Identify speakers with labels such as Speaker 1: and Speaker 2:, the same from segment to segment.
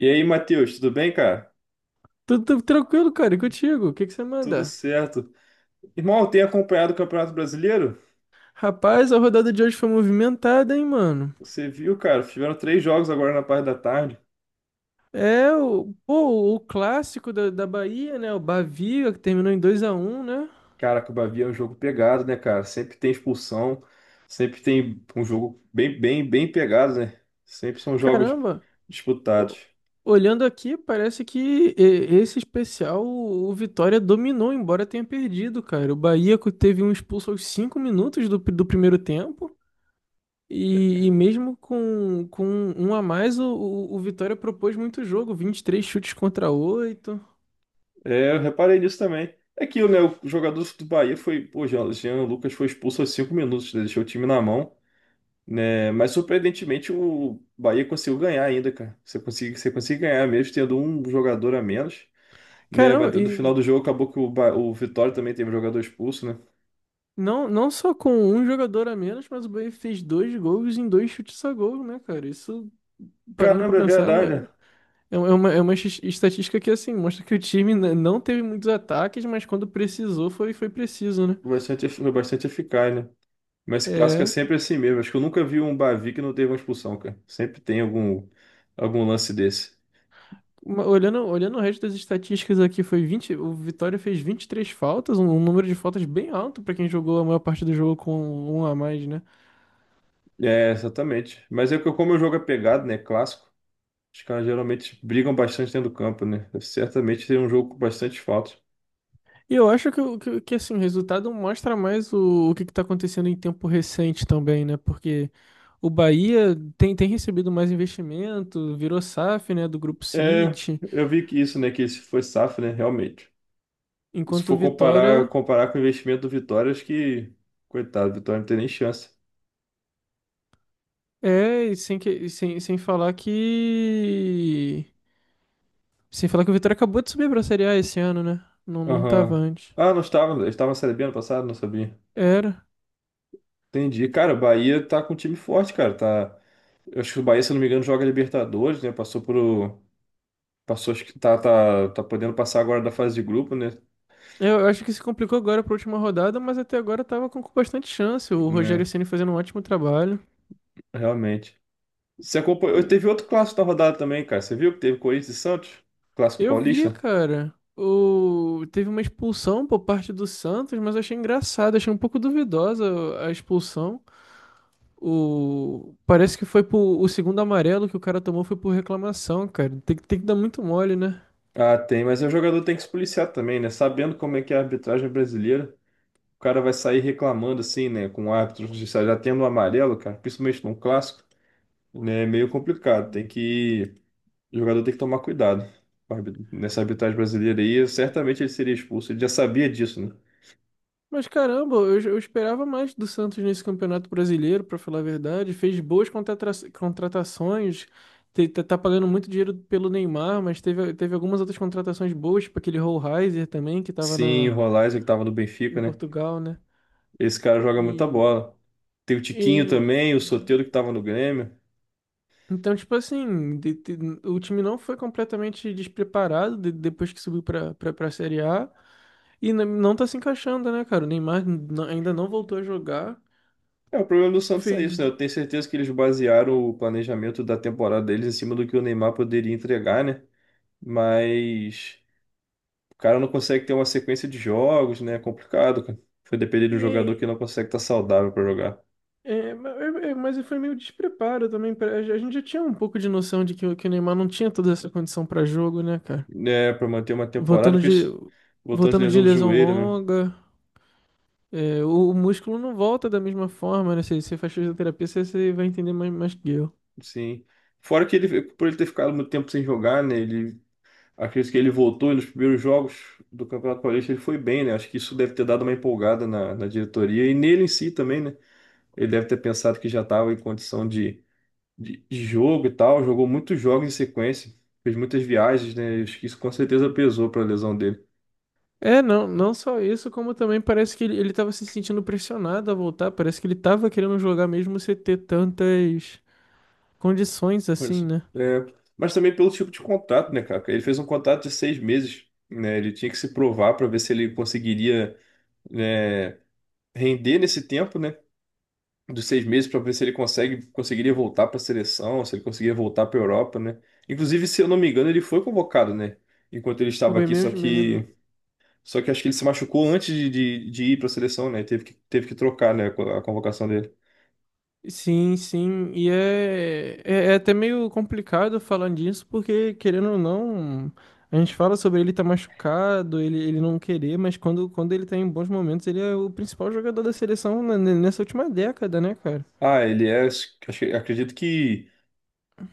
Speaker 1: E aí, Matheus, tudo bem, cara?
Speaker 2: Tudo tranquilo, cara, e contigo? O que que você
Speaker 1: Tudo
Speaker 2: manda?
Speaker 1: certo. Irmão, tem acompanhado o Campeonato Brasileiro?
Speaker 2: Rapaz, a rodada de hoje foi movimentada, hein, mano?
Speaker 1: Você viu, cara? Tiveram três jogos agora na parte da tarde.
Speaker 2: É, o clássico da Bahia, né? O Bavi, que terminou em 2-1, né?
Speaker 1: Caraca, o Bahia é um jogo pegado, né, cara? Sempre tem expulsão, sempre tem um jogo bem pegado, né? Sempre são jogos
Speaker 2: Caramba, o-
Speaker 1: disputados.
Speaker 2: olhando aqui, parece que esse especial o Vitória dominou, embora tenha perdido, cara. O Bahia teve um expulso aos 5 minutos do primeiro tempo. E mesmo com um a mais, o Vitória propôs muito jogo, 23 chutes contra 8.
Speaker 1: É, eu reparei nisso também. É aquilo, né? O jogador do Bahia foi. Pô, Jean Lucas foi expulso aos 5 minutos, né? Deixou o time na mão, né? Mas surpreendentemente o Bahia conseguiu ganhar ainda, cara. Você consegue ganhar mesmo tendo um jogador a menos, né?
Speaker 2: Caramba,
Speaker 1: Mas no final
Speaker 2: e
Speaker 1: do jogo acabou que o o Vitória também teve um jogador expulso, né?
Speaker 2: não só com um jogador a menos, mas o Bahia fez dois gols em dois chutes a gol, né, cara? Isso, parando pra
Speaker 1: Caramba, é
Speaker 2: pensar,
Speaker 1: verdade, né?
Speaker 2: estatística que, assim, mostra que o time não teve muitos ataques, mas quando precisou, foi preciso, né?
Speaker 1: Foi foi bastante eficaz, né? Mas esse clássico é
Speaker 2: É,
Speaker 1: sempre assim mesmo. Acho que eu nunca vi um Bavi que não teve uma expulsão, cara. Sempre tem algum, algum lance desse.
Speaker 2: olhando o resto das estatísticas aqui, foi 20 o Vitória fez 23 faltas, um número de faltas bem alto pra quem jogou a maior parte do jogo com um a mais, né?
Speaker 1: É, exatamente. Mas é que como o jogo é pegado, né? Clássico. Os caras geralmente brigam bastante dentro do campo, né? Certamente tem um jogo com bastante faltas.
Speaker 2: E eu acho que, assim, o resultado mostra mais o que está acontecendo em tempo recente também, né? Porque o Bahia tem recebido mais investimento, virou SAF, né, do Grupo
Speaker 1: É,
Speaker 2: City,
Speaker 1: eu vi que isso, né? Que esse foi safra, né? Realmente. Se
Speaker 2: enquanto o
Speaker 1: for comparar,
Speaker 2: Vitória
Speaker 1: comparar com o investimento do Vitória, acho que. Coitado, o Vitória não tem nem chance.
Speaker 2: é, e sem, que, e sem, sem falar que. Sem falar que o Vitória acabou de subir para a Série A esse ano, né? Não, não tava
Speaker 1: Aham.
Speaker 2: antes.
Speaker 1: Ah, não estava. Eles estavam na Série B ano passado? Não sabia.
Speaker 2: Era.
Speaker 1: Entendi. Cara, o Bahia tá com um time forte, cara. Tá... Eu acho que o Bahia, se eu não me engano, joga Libertadores, né? Passou pro. Passou, acho que tá podendo passar agora da fase de grupo, né?
Speaker 2: Eu acho que se complicou agora para última rodada, mas até agora tava com bastante chance. O Rogério
Speaker 1: Né?
Speaker 2: Ceni fazendo um ótimo trabalho.
Speaker 1: Realmente. Você acompanhou.
Speaker 2: O
Speaker 1: Teve outro clássico da rodada também, cara. Você viu que teve Corinthians e Santos? Clássico
Speaker 2: Eu via,
Speaker 1: paulista?
Speaker 2: cara. Teve uma expulsão por parte do Santos, mas eu achei engraçado, achei um pouco duvidosa a expulsão. Parece que o segundo amarelo que o cara tomou foi por reclamação, cara. Tem que dar muito mole, né?
Speaker 1: Ah, tem, mas o jogador tem que se policiar também, né? Sabendo como é que é a arbitragem brasileira, o cara vai sair reclamando assim, né? Com o árbitro judicial já tendo um amarelo, cara, principalmente num clássico, né? É meio complicado. Tem que. O jogador tem que tomar cuidado nessa arbitragem brasileira aí, certamente ele seria expulso. Ele já sabia disso, né?
Speaker 2: Mas caramba, eu esperava mais do Santos nesse Campeonato Brasileiro, pra falar a verdade. Fez boas contratações, tá pagando muito dinheiro pelo Neymar, mas teve algumas outras contratações boas, tipo aquele Hohlheiser também, que tava
Speaker 1: Sim, o Rolaisen que tava no Benfica,
Speaker 2: em
Speaker 1: né?
Speaker 2: Portugal, né?
Speaker 1: Esse cara joga muita
Speaker 2: E
Speaker 1: bola. Tem o
Speaker 2: E,
Speaker 1: Tiquinho também, o Soteldo que tava no Grêmio.
Speaker 2: então, tipo assim, o time não foi completamente despreparado depois que subiu pra Série A e não tá se encaixando, né, cara? O Neymar ainda não voltou a jogar.
Speaker 1: É, o problema do Santos é isso, né?
Speaker 2: Fez.
Speaker 1: Eu tenho certeza que eles basearam o planejamento da temporada deles em cima do que o Neymar poderia entregar, né? Mas o cara não consegue ter uma sequência de jogos, né? É complicado, cara. Foi depender de um jogador que
Speaker 2: E,
Speaker 1: não consegue estar saudável para jogar,
Speaker 2: mas foi meio despreparo também. A gente já tinha um pouco de noção de que, que o Neymar não tinha toda essa condição pra jogo, né, cara?
Speaker 1: né? Para manter uma temporada,
Speaker 2: Voltando
Speaker 1: por
Speaker 2: de,
Speaker 1: isso, voltou de
Speaker 2: voltando de
Speaker 1: lesão do
Speaker 2: lesão
Speaker 1: joelho, né?
Speaker 2: longa. O músculo não volta da mesma forma, né? Se você faz fisioterapia, você vai entender mais que eu.
Speaker 1: Sim. Fora que ele, por ele ter ficado muito tempo sem jogar, né? Ele, acredito que ele voltou e nos primeiros jogos do Campeonato Paulista ele foi bem, né? Acho que isso deve ter dado uma empolgada na, na diretoria e nele em si também, né? Ele deve ter pensado que já estava em condição de, de jogo e tal. Jogou muitos jogos em sequência, fez muitas viagens, né? Acho que isso com certeza pesou para a lesão dele.
Speaker 2: É, não só isso, como também parece que ele tava se sentindo pressionado a voltar. Parece que ele tava querendo jogar mesmo sem ter tantas condições assim,
Speaker 1: Pois.
Speaker 2: né?
Speaker 1: É, mas também pelo tipo de contrato, né, cara? Ele fez um contrato de 6 meses, né? Ele tinha que se provar para ver se ele conseguiria, né, render nesse tempo, né? Dos 6 meses para ver se ele conseguiria voltar para a seleção, se ele conseguiria voltar para a Europa, né? Inclusive, se eu não me engano, ele foi convocado, né? Enquanto ele estava
Speaker 2: Foi
Speaker 1: aqui, só
Speaker 2: mesmo.
Speaker 1: que... Só que acho que ele se machucou antes de ir para a seleção, né? Teve que trocar, né, a convocação dele.
Speaker 2: Sim, sim. É até meio complicado falando disso, porque querendo ou não, a gente fala sobre ele estar tá machucado, ele não querer, mas quando ele tá em bons momentos, ele é o principal jogador da seleção nessa última década, né, cara?
Speaker 1: Ah, ele é. Acredito que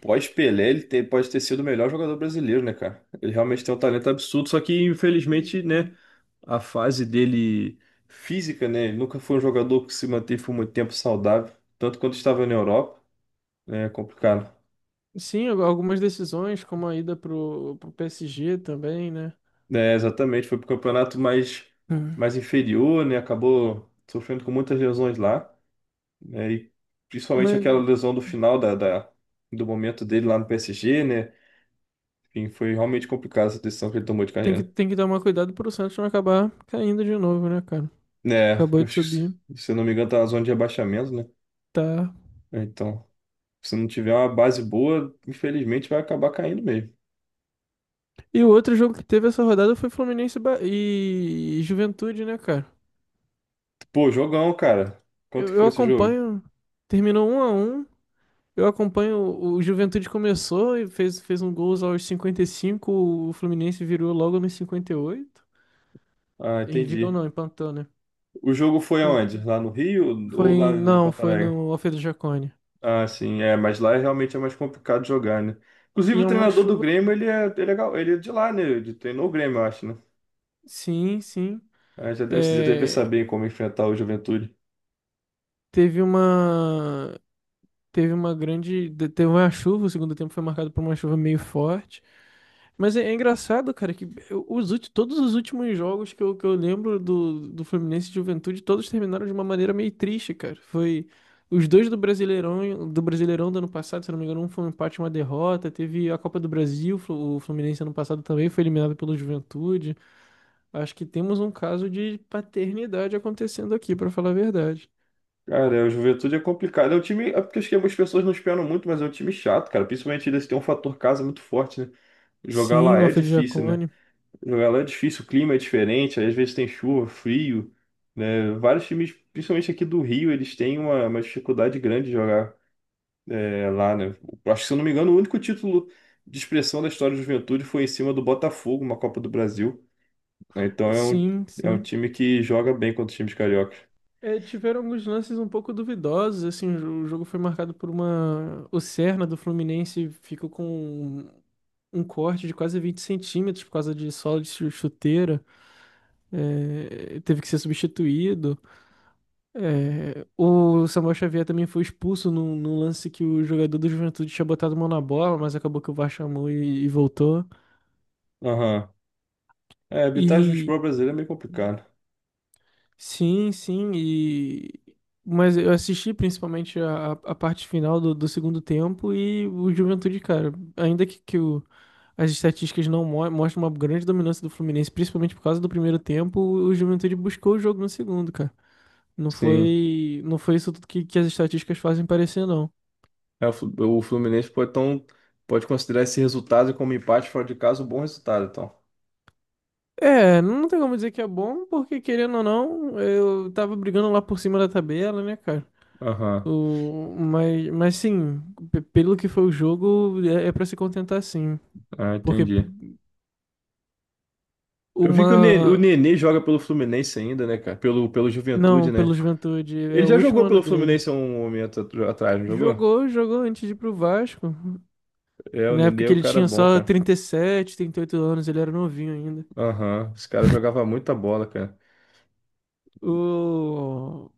Speaker 1: pós-Pelé ele pode ter sido o melhor jogador brasileiro, né, cara? Ele realmente tem um talento absurdo, só que infelizmente, né, a fase dele física, né? Ele nunca foi um jogador que se manteve por muito tempo saudável, tanto quanto estava na Europa, né? É complicado.
Speaker 2: Sim, algumas decisões, como a ida pro PSG também, né?
Speaker 1: É, exatamente, foi pro campeonato mais,
Speaker 2: É,
Speaker 1: mais inferior, né? Acabou sofrendo com muitas lesões lá, né? E principalmente
Speaker 2: Mas
Speaker 1: aquela lesão do final da do momento dele lá no PSG, né? Enfim, foi realmente complicada essa decisão que ele tomou de
Speaker 2: tem que,
Speaker 1: carreira.
Speaker 2: tem que tomar cuidado pro Santos não acabar caindo de novo, né, cara?
Speaker 1: Né, porque
Speaker 2: Acabou
Speaker 1: eu
Speaker 2: de
Speaker 1: acho
Speaker 2: subir.
Speaker 1: que, se eu não me engano, tá na zona de rebaixamento, né?
Speaker 2: Tá.
Speaker 1: Né, então, se não tiver uma base boa, infelizmente vai acabar caindo mesmo.
Speaker 2: E o outro jogo que teve essa rodada foi Fluminense e e Juventude, né, cara?
Speaker 1: Pô, jogão, cara. Quanto
Speaker 2: Eu,
Speaker 1: que
Speaker 2: eu
Speaker 1: foi esse jogo?
Speaker 2: acompanho. Terminou 1-1. Eu acompanho. O Juventude começou e fez um gol aos 55. O Fluminense virou logo nos 58.
Speaker 1: Ah,
Speaker 2: E oito. E virou
Speaker 1: entendi.
Speaker 2: não, empatou, né?
Speaker 1: O jogo foi
Speaker 2: Bom,
Speaker 1: aonde? Lá no Rio ou lá
Speaker 2: foi.
Speaker 1: em
Speaker 2: Não,
Speaker 1: Porto
Speaker 2: foi
Speaker 1: Alegre?
Speaker 2: no Alfredo Jaconi.
Speaker 1: Ah, sim, é, mas lá realmente é mais complicado jogar, né? Inclusive,
Speaker 2: E
Speaker 1: o
Speaker 2: é uma
Speaker 1: treinador do
Speaker 2: chuva.
Speaker 1: Grêmio, ele é de lá, né? Ele treinou o Grêmio, eu acho, né?
Speaker 2: Sim, sim.
Speaker 1: Ah, já deve
Speaker 2: é,
Speaker 1: saber como enfrentar o Juventude.
Speaker 2: Teve uma. Teve uma chuva, o segundo tempo foi marcado por uma chuva meio forte. Mas é engraçado, cara, que eu- os, ulti- todos os últimos jogos que eu lembro do Fluminense e Juventude, todos terminaram de uma maneira meio triste, cara. Foi os dois do Brasileirão, do ano passado, se eu não me engano, um foi um empate e uma derrota. Teve a Copa do Brasil, o Fluminense ano passado também foi eliminado pelo Juventude. Acho que temos um caso de paternidade acontecendo aqui, pra falar a verdade.
Speaker 1: Cara, é, o Juventude é complicado. É um time. É porque acho que algumas pessoas não esperam muito, mas é um time chato, cara. Principalmente eles têm um fator casa muito forte, né? Jogar
Speaker 2: Sim,
Speaker 1: lá
Speaker 2: no
Speaker 1: é
Speaker 2: Alfredo
Speaker 1: difícil, né?
Speaker 2: Jaconi.
Speaker 1: Jogar lá é difícil, o clima é diferente, aí às vezes tem chuva, frio, né? Vários times, principalmente aqui do Rio, eles têm uma dificuldade grande de jogar é, lá, né? Eu acho que, se eu não me engano, o único título de expressão da história do Juventude foi em cima do Botafogo, uma Copa do Brasil, né? Então
Speaker 2: Sim,
Speaker 1: é um
Speaker 2: sim.
Speaker 1: time que joga bem contra os times cariocas.
Speaker 2: É, tiveram alguns lances um pouco duvidosos, assim, o jogo foi marcado. O Serna do Fluminense ficou com um um corte de quase 20 centímetros por causa de sola de chuteira, teve que ser substituído. É, o Samuel Xavier também foi expulso num lance que o jogador do Juventude tinha botado a mão na bola, mas acabou que o VAR chamou e voltou.
Speaker 1: Aham. É, evitar o
Speaker 2: E
Speaker 1: futebol brasileiro é meio complicado.
Speaker 2: Sim, sim, mas eu assisti principalmente a parte final do segundo tempo e o Juventude, cara, ainda que as estatísticas não mo mostram uma grande dominância do Fluminense, principalmente por causa do primeiro tempo, o Juventude buscou o jogo no segundo, cara. Não
Speaker 1: Sim.
Speaker 2: foi, não foi isso tudo que as estatísticas fazem parecer, não.
Speaker 1: É, o Fluminense pode, então, pode considerar esse resultado como empate fora de casa um bom resultado, então.
Speaker 2: É, não tem como dizer que é bom, porque querendo ou não, eu tava brigando lá por cima da tabela, né, cara?
Speaker 1: Aham.
Speaker 2: Mas sim, pelo que foi o jogo, é para se contentar sim.
Speaker 1: Ah,
Speaker 2: Porque
Speaker 1: entendi. Eu vi que o
Speaker 2: uma.
Speaker 1: Nenê joga pelo Fluminense ainda, né, cara? Pelo, pelo Juventude,
Speaker 2: Não,
Speaker 1: né?
Speaker 2: pelo Juventude, é
Speaker 1: Ele
Speaker 2: o
Speaker 1: já
Speaker 2: último
Speaker 1: jogou
Speaker 2: ano
Speaker 1: pelo
Speaker 2: dele.
Speaker 1: Fluminense há um momento atrás, não jogou?
Speaker 2: Jogou antes de ir pro Vasco.
Speaker 1: É,
Speaker 2: E
Speaker 1: o
Speaker 2: na
Speaker 1: Nenê
Speaker 2: época
Speaker 1: é
Speaker 2: que
Speaker 1: o
Speaker 2: ele
Speaker 1: cara
Speaker 2: tinha
Speaker 1: bom,
Speaker 2: só
Speaker 1: cara.
Speaker 2: trinta e sete trinta e oito anos, ele era novinho ainda.
Speaker 1: Aham. Esse cara jogava muita bola, cara.
Speaker 2: O,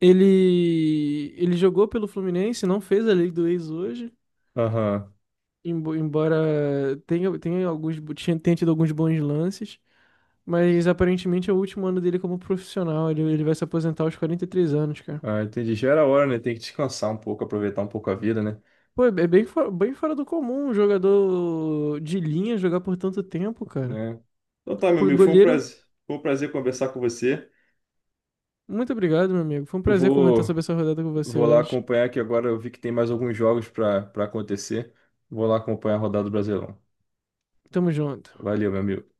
Speaker 2: ele jogou pelo Fluminense, não fez a lei do ex hoje,
Speaker 1: Aham.
Speaker 2: embora tenha tido alguns bons lances. Mas aparentemente é o último ano dele como profissional. Ele vai se aposentar aos 43 anos, cara.
Speaker 1: Ah, entendi. Já era hora, né? Tem que descansar um pouco, aproveitar um pouco a vida, né?
Speaker 2: Pô, bem fora do comum um jogador de linha jogar por tanto tempo, cara.
Speaker 1: Né? Então tá, meu
Speaker 2: Porque
Speaker 1: amigo,
Speaker 2: goleiro,
Speaker 1: foi um prazer conversar com você.
Speaker 2: muito obrigado, meu amigo. Foi um
Speaker 1: Eu
Speaker 2: prazer comentar
Speaker 1: vou,
Speaker 2: sobre essa rodada com você
Speaker 1: vou lá
Speaker 2: hoje.
Speaker 1: acompanhar que agora eu vi que tem mais alguns jogos para acontecer. Vou lá acompanhar a rodada do Brasileirão.
Speaker 2: Tamo junto.
Speaker 1: Valeu, meu amigo.